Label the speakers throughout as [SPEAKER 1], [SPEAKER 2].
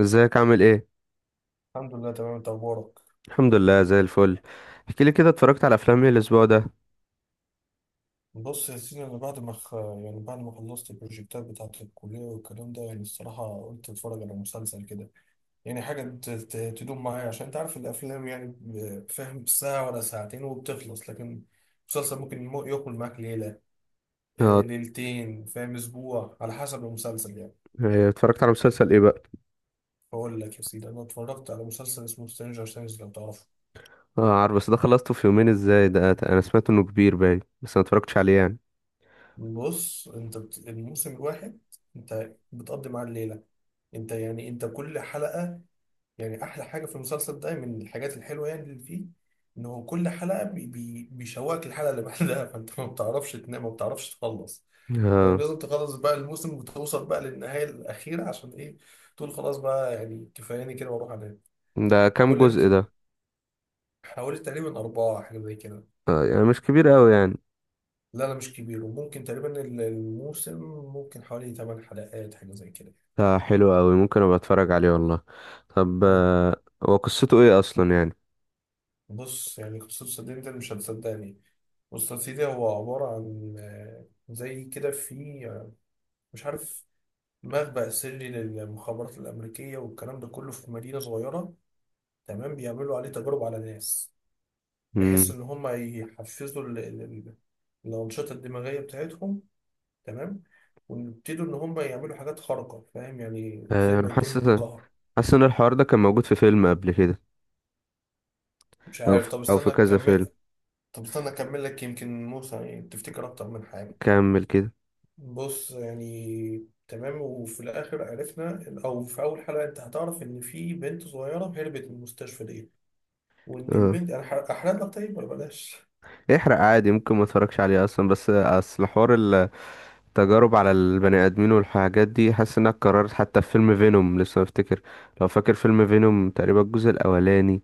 [SPEAKER 1] ازيك عامل ايه؟
[SPEAKER 2] الحمد لله، تمام. انت اخبارك؟
[SPEAKER 1] الحمد لله، زي الفل. احكي لي كده، اتفرجت على افلام ايه الاسبوع ده؟
[SPEAKER 2] بص يا سيدي، انا بعد ما يعني بعد ما خلصت البروجكتات بتاعت الكليه والكلام ده، يعني الصراحه قلت اتفرج على مسلسل كده. يعني حاجه تدوم معايا، عشان انت عارف الافلام يعني، فاهم، ساعه ولا ساعتين وبتخلص، لكن مسلسل ممكن ياكل معاك ليله،
[SPEAKER 1] اه.
[SPEAKER 2] ليلتين، فاهم، اسبوع على حسب المسلسل يعني.
[SPEAKER 1] إيه، اتفرجت على مسلسل ايه بقى؟
[SPEAKER 2] بقول لك يا سيدي، انا اتفرجت على مسلسل اسمه سترينجر ثينجز، لو تعرفه.
[SPEAKER 1] اه عارف، بس ده خلصته في يومين ازاي؟ ده انا سمعت انه كبير باين، بس ما اتفرجتش عليه يعني.
[SPEAKER 2] بص، انت الموسم الواحد انت بتقضي معاه الليله، انت يعني انت كل حلقه، يعني احلى حاجه في المسلسل ده من الحاجات الحلوه يعني اللي فيه، انه كل حلقه بي بي بيشوقك الحلقه اللي بعدها فانت ما بتعرفش تنام، ما بتعرفش تخلص،
[SPEAKER 1] اه.
[SPEAKER 2] فلازم تخلص بقى الموسم وتوصل بقى للنهايه الاخيره عشان ايه؟ تقول خلاص بقى، يعني كفاياني كده واروح انام.
[SPEAKER 1] ده كام
[SPEAKER 2] كل
[SPEAKER 1] جزء
[SPEAKER 2] ال...
[SPEAKER 1] ده؟
[SPEAKER 2] حوالي تقريبا اربعه حاجه زي كده.
[SPEAKER 1] اه، يعني مش كبير قوي يعني.
[SPEAKER 2] لا لا، مش كبير، وممكن تقريبا الموسم ممكن حوالي 8 حلقات حاجه زي كده.
[SPEAKER 1] ده حلو قوي، ممكن ابقى اتفرج عليه والله. طب،
[SPEAKER 2] اه،
[SPEAKER 1] هو قصته ايه اصلا يعني؟
[SPEAKER 2] بص، يعني قصة صدقني ده مش هتصدقني. بص يا سيدي، هو عبارة عن آه، زي كده في آه، مش عارف، مخبأ سري للمخابرات الأمريكية والكلام ده كله في مدينة صغيرة، تمام، بيعملوا عليه تجارب على ناس، بحيث
[SPEAKER 1] امم.
[SPEAKER 2] إن هم يحفزوا الأنشطة الدماغية بتاعتهم، تمام، ويبتدوا إن هم يعملوا حاجات خارقة، فاهم، يعني زي ما
[SPEAKER 1] انا
[SPEAKER 2] يدولهم
[SPEAKER 1] حاسس
[SPEAKER 2] قهر.
[SPEAKER 1] حاسس ان الحوار ده كان موجود في فيلم قبل كده.
[SPEAKER 2] مش
[SPEAKER 1] او
[SPEAKER 2] عارف،
[SPEAKER 1] في...
[SPEAKER 2] طب
[SPEAKER 1] او في
[SPEAKER 2] استنى
[SPEAKER 1] كذا
[SPEAKER 2] أكمل.
[SPEAKER 1] فيلم.
[SPEAKER 2] طب استنى أكمل لك، يمكن موسى يعني تفتكر أكتر من حاجة.
[SPEAKER 1] كمل كده.
[SPEAKER 2] بص يعني، تمام، وفي الاخر عرفنا، او في اول حلقه انت هتعرف ان في بنت صغيره هربت من المستشفى دي، وان
[SPEAKER 1] اه،
[SPEAKER 2] البنت انا احرق لك طيب ولا بلاش؟
[SPEAKER 1] احرق عادي، ممكن ما اتفرجش عليه اصلا، بس اصل حوار التجارب على البني ادمين والحاجات دي، حاسس انها اتكررت حتى في فيلم فينوم، لسه بفتكر لو فاكر فيلم فينوم تقريبا الجزء الاولاني.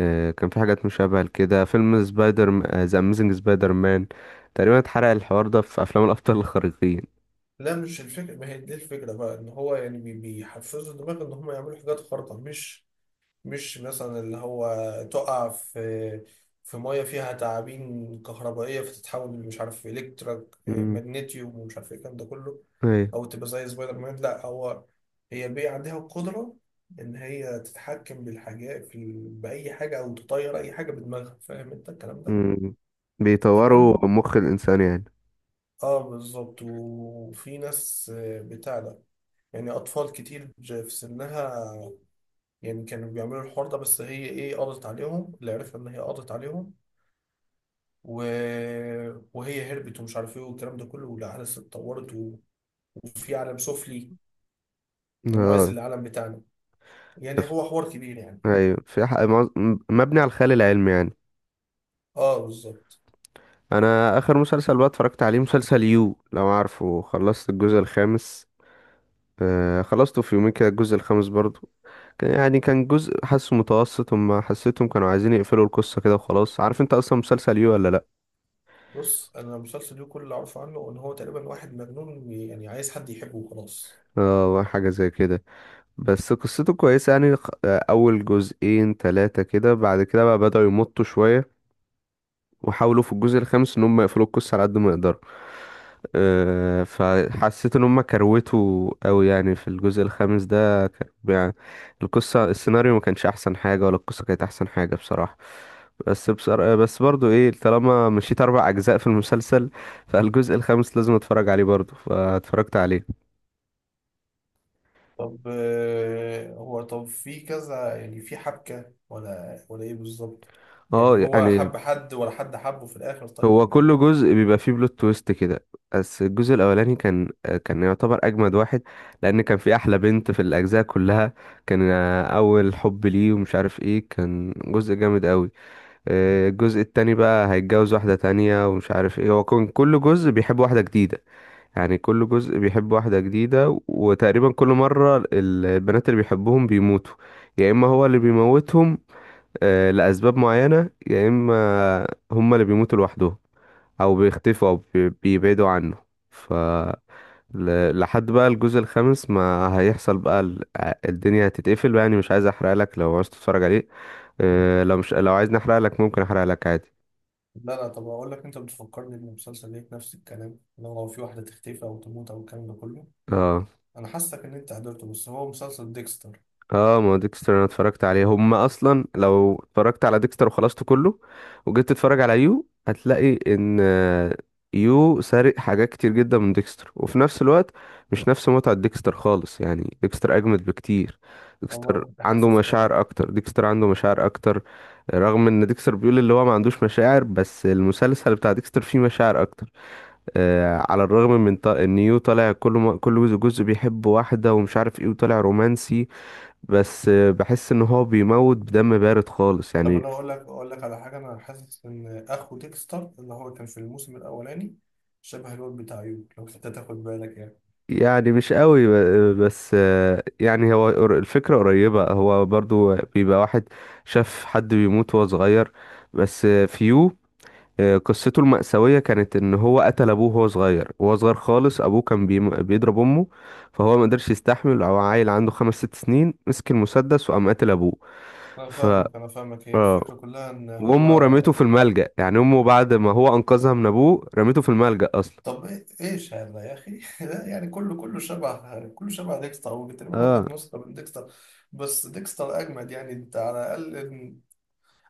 [SPEAKER 1] كان في حاجات مشابهة لكده، فيلم سبايدر، ذا أميزنج سبايدر مان، تقريبا اتحرق الحوار ده في أفلام الأبطال الخارقين.
[SPEAKER 2] لا، مش الفكره، ما هي دي الفكره بقى، ان هو يعني بيحفزوا الدماغ ان هم يعملوا حاجات خارقه، مش مثلا اللي هو تقع في في ميه فيها تعابين كهربائيه فتتحول، مش عارف، الكتريك
[SPEAKER 1] مم.
[SPEAKER 2] ماجنيتيوم ومش عارف ايه الكلام ده كله،
[SPEAKER 1] أيوة.
[SPEAKER 2] او تبقى زي سبايدر مان. لا، هو هي بي عندها القدره ان هي تتحكم بالحاجات في باي حاجه، او تطير اي حاجه بدماغها، فاهم انت الكلام ده؟
[SPEAKER 1] مم.
[SPEAKER 2] تمام.
[SPEAKER 1] بيطوروا مخ الإنسان يعني.
[SPEAKER 2] اه بالظبط، وفي ناس بتاع ده، يعني اطفال كتير في سنها، يعني كانوا بيعملوا الحوار ده، بس هي ايه قضت عليهم، اللي عرفنا ان هي قضت عليهم، و... وهي هربت، ومش عارف ايه والكلام ده كله، والاحداث اتطورت، وفي عالم سفلي موازي
[SPEAKER 1] اه.
[SPEAKER 2] للعالم بتاعنا، يعني
[SPEAKER 1] ف-
[SPEAKER 2] هو حوار كبير يعني.
[SPEAKER 1] أيوة، في ح- معظ- م- مبني على الخيال العلمي يعني.
[SPEAKER 2] اه بالظبط.
[SPEAKER 1] أنا آخر مسلسل بقى اتفرجت عليه مسلسل يو، لو عارفه، خلصت الجزء الخامس. خلصته في يومين كده الجزء الخامس برضو. يعني كان جزء حاسه متوسط، هما حسيتهم كانوا عايزين يقفلوا القصة كده وخلاص. عارف انت اصلا مسلسل يو ولا لأ؟
[SPEAKER 2] بص انا، المسلسل ده كل اللي اعرفه عنه ان هو تقريبا واحد مجنون يعني عايز حد يحبه وخلاص.
[SPEAKER 1] اه حاجة زي كده. بس قصته كويسة يعني، أول جزئين تلاتة كده، بعد كده بقى بدأوا يمطوا شوية، وحاولوا في الجزء الخامس إن هم يقفلوا القصة على قد ما يقدروا. فحسيت إن هم كروتوا أوي يعني في الجزء الخامس ده، كان يعني القصة السيناريو ما كانش أحسن حاجة ولا القصة كانت أحسن حاجة بصراحة. بس بصراحة، بس برضو إيه، طالما مشيت أربع أجزاء في المسلسل، فالجزء الخامس لازم أتفرج عليه برضو، فاتفرجت عليه.
[SPEAKER 2] طب هو طب في كذا يعني، في حبكة ولا ايه بالظبط؟
[SPEAKER 1] اه،
[SPEAKER 2] يعني هو
[SPEAKER 1] يعني
[SPEAKER 2] حب حد ولا حد حبه في الاخر طيب،
[SPEAKER 1] هو
[SPEAKER 2] ولا
[SPEAKER 1] كل
[SPEAKER 2] ايه؟
[SPEAKER 1] جزء بيبقى فيه بلوت تويست كده، بس الجزء الاولاني كان يعتبر اجمد واحد، لان كان في احلى بنت في الاجزاء كلها. كان اول حب ليه ومش عارف ايه، كان جزء جامد قوي. الجزء التاني بقى هيتجوز واحدة تانية ومش عارف ايه، هو كان كل جزء بيحب واحدة جديدة. يعني كل جزء بيحب واحدة جديدة، وتقريبا كل مرة البنات اللي بيحبهم بيموتوا، يا اما هو اللي بيموتهم لأسباب معينة، يا اما هما اللي بيموتوا لوحدهم، او بيختفوا، او بيبعدوا عنه. ف لحد بقى الجزء الخامس ما هيحصل بقى الدنيا هتتقفل بقى، يعني مش عايز احرق لك لو عايز تتفرج عليه. أه لو مش لو عايز نحرق لك، ممكن احرق لك عادي.
[SPEAKER 2] لا لا، طب اقول لك، انت بتفكرني بالمسلسل ليك نفس الكلام، لو هو في واحده تختفي او تموت او الكلام ده كله،
[SPEAKER 1] اه.
[SPEAKER 2] انا حاسسك ان انت حضرته، بس هو مسلسل ديكستر.
[SPEAKER 1] اه، ما هو ديكستر انا اتفرجت عليه، هم اصلا لو اتفرجت على ديكستر وخلصته كله وجيت تتفرج على يو هتلاقي ان يو سارق حاجات كتير جدا من ديكستر، وفي نفس الوقت مش نفس متعة ديكستر خالص، يعني ديكستر اجمد بكتير.
[SPEAKER 2] طب انا
[SPEAKER 1] ديكستر
[SPEAKER 2] كنت
[SPEAKER 1] عنده
[SPEAKER 2] حاسس كده.
[SPEAKER 1] مشاعر اكتر ديكستر عنده مشاعر اكتر رغم ان ديكستر بيقول اللي هو ما عندوش مشاعر، بس المسلسل بتاع ديكستر فيه مشاعر اكتر. على الرغم من ان يو طالع كل ما كل جزء بيحب واحدة ومش عارف ايه وطالع رومانسي، بس بحس ان هو بيموت بدم بارد خالص
[SPEAKER 2] طب
[SPEAKER 1] يعني.
[SPEAKER 2] انا اقول لك على حاجه، انا حاسس ان اخو ديكستر اللي هو كان في الموسم الاولاني شبه الواد بتاع يو، لو انت تاخد بالك يعني.
[SPEAKER 1] يعني مش قوي بس، يعني هو الفكرة قريبة، هو برضو بيبقى واحد شاف حد بيموت وهو صغير. بس فيو قصته المأساوية كانت ان هو قتل ابوه وهو صغير، وهو صغير خالص، ابوه كان بيضرب امه، فهو ما قدرش يستحمل، او عيل عنده خمس ست سنين مسك المسدس وقام قتل ابوه.
[SPEAKER 2] انا
[SPEAKER 1] ف
[SPEAKER 2] فاهمك، انا فاهمك، هي
[SPEAKER 1] آه،
[SPEAKER 2] الفكره كلها ان هو،
[SPEAKER 1] وامه رميته في الملجأ، يعني امه بعد ما هو انقذها من ابوه رميته في الملجأ اصلا.
[SPEAKER 2] طب ايش هذا يا اخي لا، يعني كله شبه ديكستر، هو تقريبا واخد
[SPEAKER 1] اه.
[SPEAKER 2] نسخه من ديكستر، بس ديكستر اجمد، يعني انت على الاقل،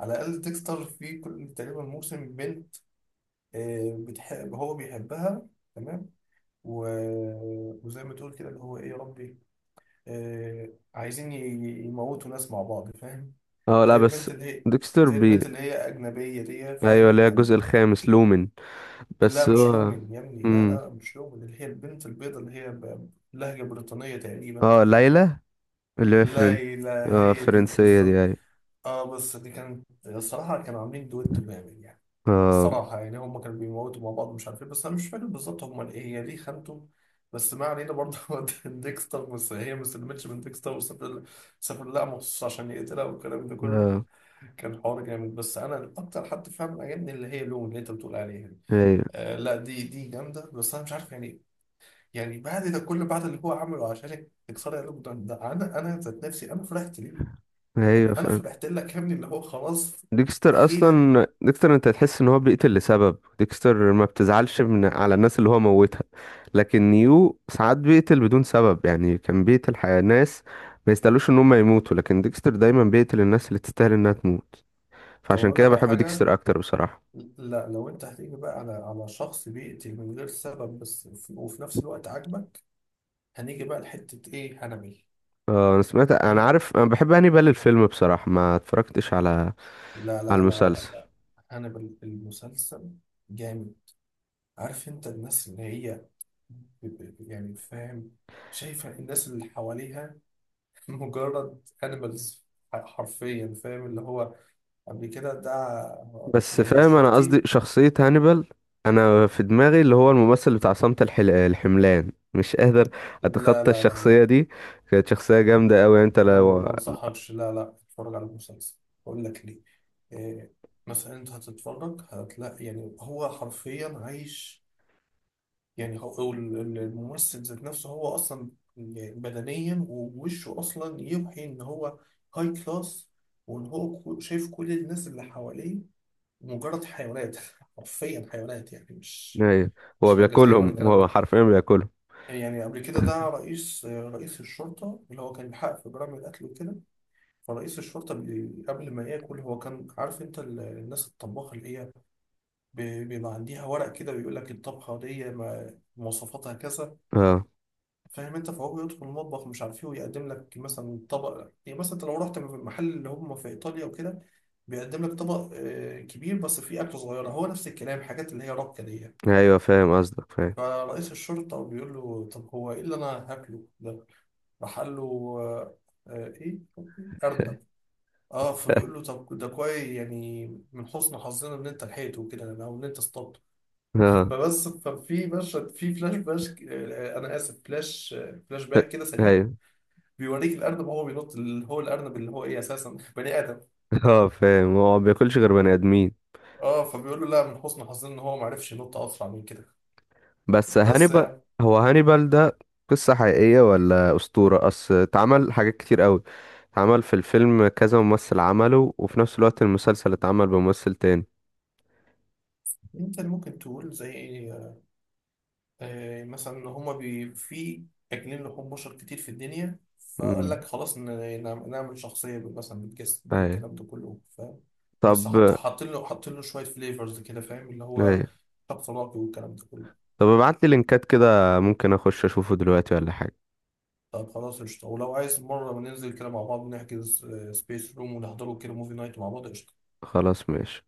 [SPEAKER 2] على الأقل ديكستر في كل تقريبا موسم بنت، بتحب هو بيحبها، تمام، و... وزي ما تقول كده اللي هو إيه يا ربي، آه، عايزين يموتوا ناس مع بعض، فاهم.
[SPEAKER 1] اه،
[SPEAKER 2] زي
[SPEAKER 1] لا بس،
[SPEAKER 2] البنت اللي هي،
[SPEAKER 1] ديكستر
[SPEAKER 2] زي
[SPEAKER 1] بي
[SPEAKER 2] البنت اللي هي أجنبية دي،
[SPEAKER 1] ايوه،
[SPEAKER 2] فاهم
[SPEAKER 1] اللي هي
[SPEAKER 2] كان.
[SPEAKER 1] الجزء الخامس لومن،
[SPEAKER 2] لا،
[SPEAKER 1] بس
[SPEAKER 2] مش
[SPEAKER 1] هو.
[SPEAKER 2] لومن يا ابني، لا
[SPEAKER 1] امم.
[SPEAKER 2] لا، مش لومن، اللي هي البنت البيضة اللي هي بلهجة بريطانية تقريبا.
[SPEAKER 1] اه، ليلى، اللي هي فرن.
[SPEAKER 2] لا لا،
[SPEAKER 1] اه،
[SPEAKER 2] هي دي
[SPEAKER 1] فرنسية دي،
[SPEAKER 2] بالظبط.
[SPEAKER 1] ايوه.
[SPEAKER 2] اه، بس دي كانت الصراحة كانوا عاملين دويتو جامد يعني،
[SPEAKER 1] اه.
[SPEAKER 2] الصراحة يعني هم كانوا بيموتوا مع بعض مش عارف ايه، بس انا مش فاكر بالظبط هم ايه، هي ليه خانته، بس ما علينا برضه هو ديكستر، بس هي ما سلمتش من ديكستر، وسافر لها مخصوص عشان يقتلها والكلام ده كله،
[SPEAKER 1] اه.
[SPEAKER 2] كان حوار جامد، بس انا اكتر حد فعلا عجبني اللي هي لون اللي انت بتقول عليها دي.
[SPEAKER 1] ايوه.
[SPEAKER 2] آه لا، دي جامدة، بس انا مش عارف يعني، يعني بعد ده كل بعد اللي هو عمله عشانك تكسري قلبه، ده انا ذات نفسي انا فرحت ليه، يعني
[SPEAKER 1] ايوه
[SPEAKER 2] انا
[SPEAKER 1] فاهم.
[SPEAKER 2] فرحت لك يا ابني اللي هو خلاص،
[SPEAKER 1] ديكستر
[SPEAKER 2] اخيرا.
[SPEAKER 1] اصلا، ديكستر انت تحس ان هو بيقتل لسبب، ديكستر ما بتزعلش من على الناس اللي هو موتها. لكن نيو ساعات بيقتل بدون سبب، يعني كان بيقتل ناس ما يستاهلوش ان هم يموتوا، لكن ديكستر دايما بيقتل الناس اللي تستاهل انها تموت.
[SPEAKER 2] طب
[SPEAKER 1] فعشان
[SPEAKER 2] اقول
[SPEAKER 1] كده
[SPEAKER 2] لك على
[SPEAKER 1] بحب
[SPEAKER 2] حاجه،
[SPEAKER 1] ديكستر اكتر بصراحة.
[SPEAKER 2] لا لو انت هتيجي بقى على شخص بيقتل من غير سبب بس وفي نفس الوقت عاجبك، هنيجي بقى لحته ايه؟ هنبل.
[SPEAKER 1] اه، انا سمعت، انا
[SPEAKER 2] هنا،
[SPEAKER 1] عارف، انا بحب هانيبال الفيلم، بصراحة ما اتفرجتش على
[SPEAKER 2] لا
[SPEAKER 1] على
[SPEAKER 2] لا لا لا،
[SPEAKER 1] المسلسل.
[SPEAKER 2] هنبل المسلسل، جامد. عارف انت الناس اللي هي يعني فاهم، شايفه الناس اللي حواليها مجرد animals، حرفيا، فاهم اللي هو قبل كده ده
[SPEAKER 1] بس
[SPEAKER 2] يعني
[SPEAKER 1] فاهم، انا
[SPEAKER 2] شرطي.
[SPEAKER 1] قصدي شخصية هانيبال، انا في دماغي اللي هو الممثل بتاع صمت الحملان، مش قادر
[SPEAKER 2] لا
[SPEAKER 1] اتخطى
[SPEAKER 2] لا لا لا،
[SPEAKER 1] الشخصية دي، كانت شخصية جامدة قوي انت
[SPEAKER 2] انا
[SPEAKER 1] لو.
[SPEAKER 2] ما انصحكش، لا لا اتفرج على المسلسل، اقول لك ليه. إيه؟ مثلا انت هتتفرج هتلاقي يعني هو حرفيا عايش، يعني هو هو الممثل ذات نفسه، هو اصلا بدنيا ووشه اصلا يوحي ان هو هاي كلاس، وان هو شايف كل الناس اللي حواليه مجرد حيوانات، حرفيا حيوانات، يعني مش
[SPEAKER 1] ايوه. هو
[SPEAKER 2] مش مجازيا ولا
[SPEAKER 1] بياكلهم
[SPEAKER 2] الكلام
[SPEAKER 1] هو
[SPEAKER 2] ده.
[SPEAKER 1] حرفيا بياكلهم
[SPEAKER 2] يعني قبل كده ده رئيس الشرطة اللي هو كان بيحقق في جرائم القتل وكده، فرئيس الشرطة قبل ما ياكل هو كان عارف، انت الناس الطباخة اللي هي بيبقى عندها ورق كده بيقول لك الطبخة دي مواصفاتها كذا،
[SPEAKER 1] اه،
[SPEAKER 2] فاهم انت، فهو بيدخل المطبخ مش عارف ايه ويقدم لك مثلا طبق، يعني مثلا انت لو رحت محل اللي هم في ايطاليا وكده بيقدم لك طبق كبير بس فيه اكل صغيره، هو نفس الكلام، حاجات اللي هي رابطه دي.
[SPEAKER 1] ايوه فاهم قصدك، فاهم.
[SPEAKER 2] فرئيس الشرطة بيقول له: طب هو إيه اللي أنا هاكله ده؟ راح قال له آه، إيه؟ أرنب. آه، فبيقول له طب ده كويس، يعني من حسن حظنا إن أنت لحقته وكده يعني، أو إن أنت اصطدته.
[SPEAKER 1] اه،
[SPEAKER 2] فبس ففي مشهد في فلاش باش آه، أنا آسف فلاش باك كده سريع،
[SPEAKER 1] ايوه.
[SPEAKER 2] بيوريك الأرنب وهو بينط، اللي هو الأرنب اللي هو إيه أساسا بني آدم.
[SPEAKER 1] اه فاهم، هو ما بياكلش غير بني ادمين.
[SPEAKER 2] آه، فبيقول له لا، من حسن حظنا إن هو معرفش ينط أسرع من كده.
[SPEAKER 1] بس
[SPEAKER 2] بس
[SPEAKER 1] هانيبال،
[SPEAKER 2] يعني
[SPEAKER 1] هو هانيبال ده قصة حقيقية ولا أسطورة؟ أصل اتعمل حاجات كتير قوي، اتعمل في الفيلم كذا ممثل عمله، وفي نفس الوقت المسلسل اتعمل بممثل تاني.
[SPEAKER 2] أنت اللي ممكن تقول زي إيه، مثلا ان هما بي في اكلين لحوم بشر كتير في الدنيا، فقال
[SPEAKER 1] امم.
[SPEAKER 2] لك خلاص نعمل شخصيه مثلا بالجسم
[SPEAKER 1] ايوه.
[SPEAKER 2] بالكلام ده كله فاهم، بس
[SPEAKER 1] طب.
[SPEAKER 2] حط حاطين له شويه فليفرز كده، فاهم، اللي هو
[SPEAKER 1] ايوه.
[SPEAKER 2] شخص راقي والكلام ده كله.
[SPEAKER 1] طب ابعت لي لينكات كده، ممكن اخش اشوفه دلوقتي ولا حاجة.
[SPEAKER 2] طب خلاص قشطه، ولو عايز مره ننزل كده مع بعض نحجز سبيس روم ونحضره كده موفي نايت مع بعض، قشطه.
[SPEAKER 1] خلاص ماشي.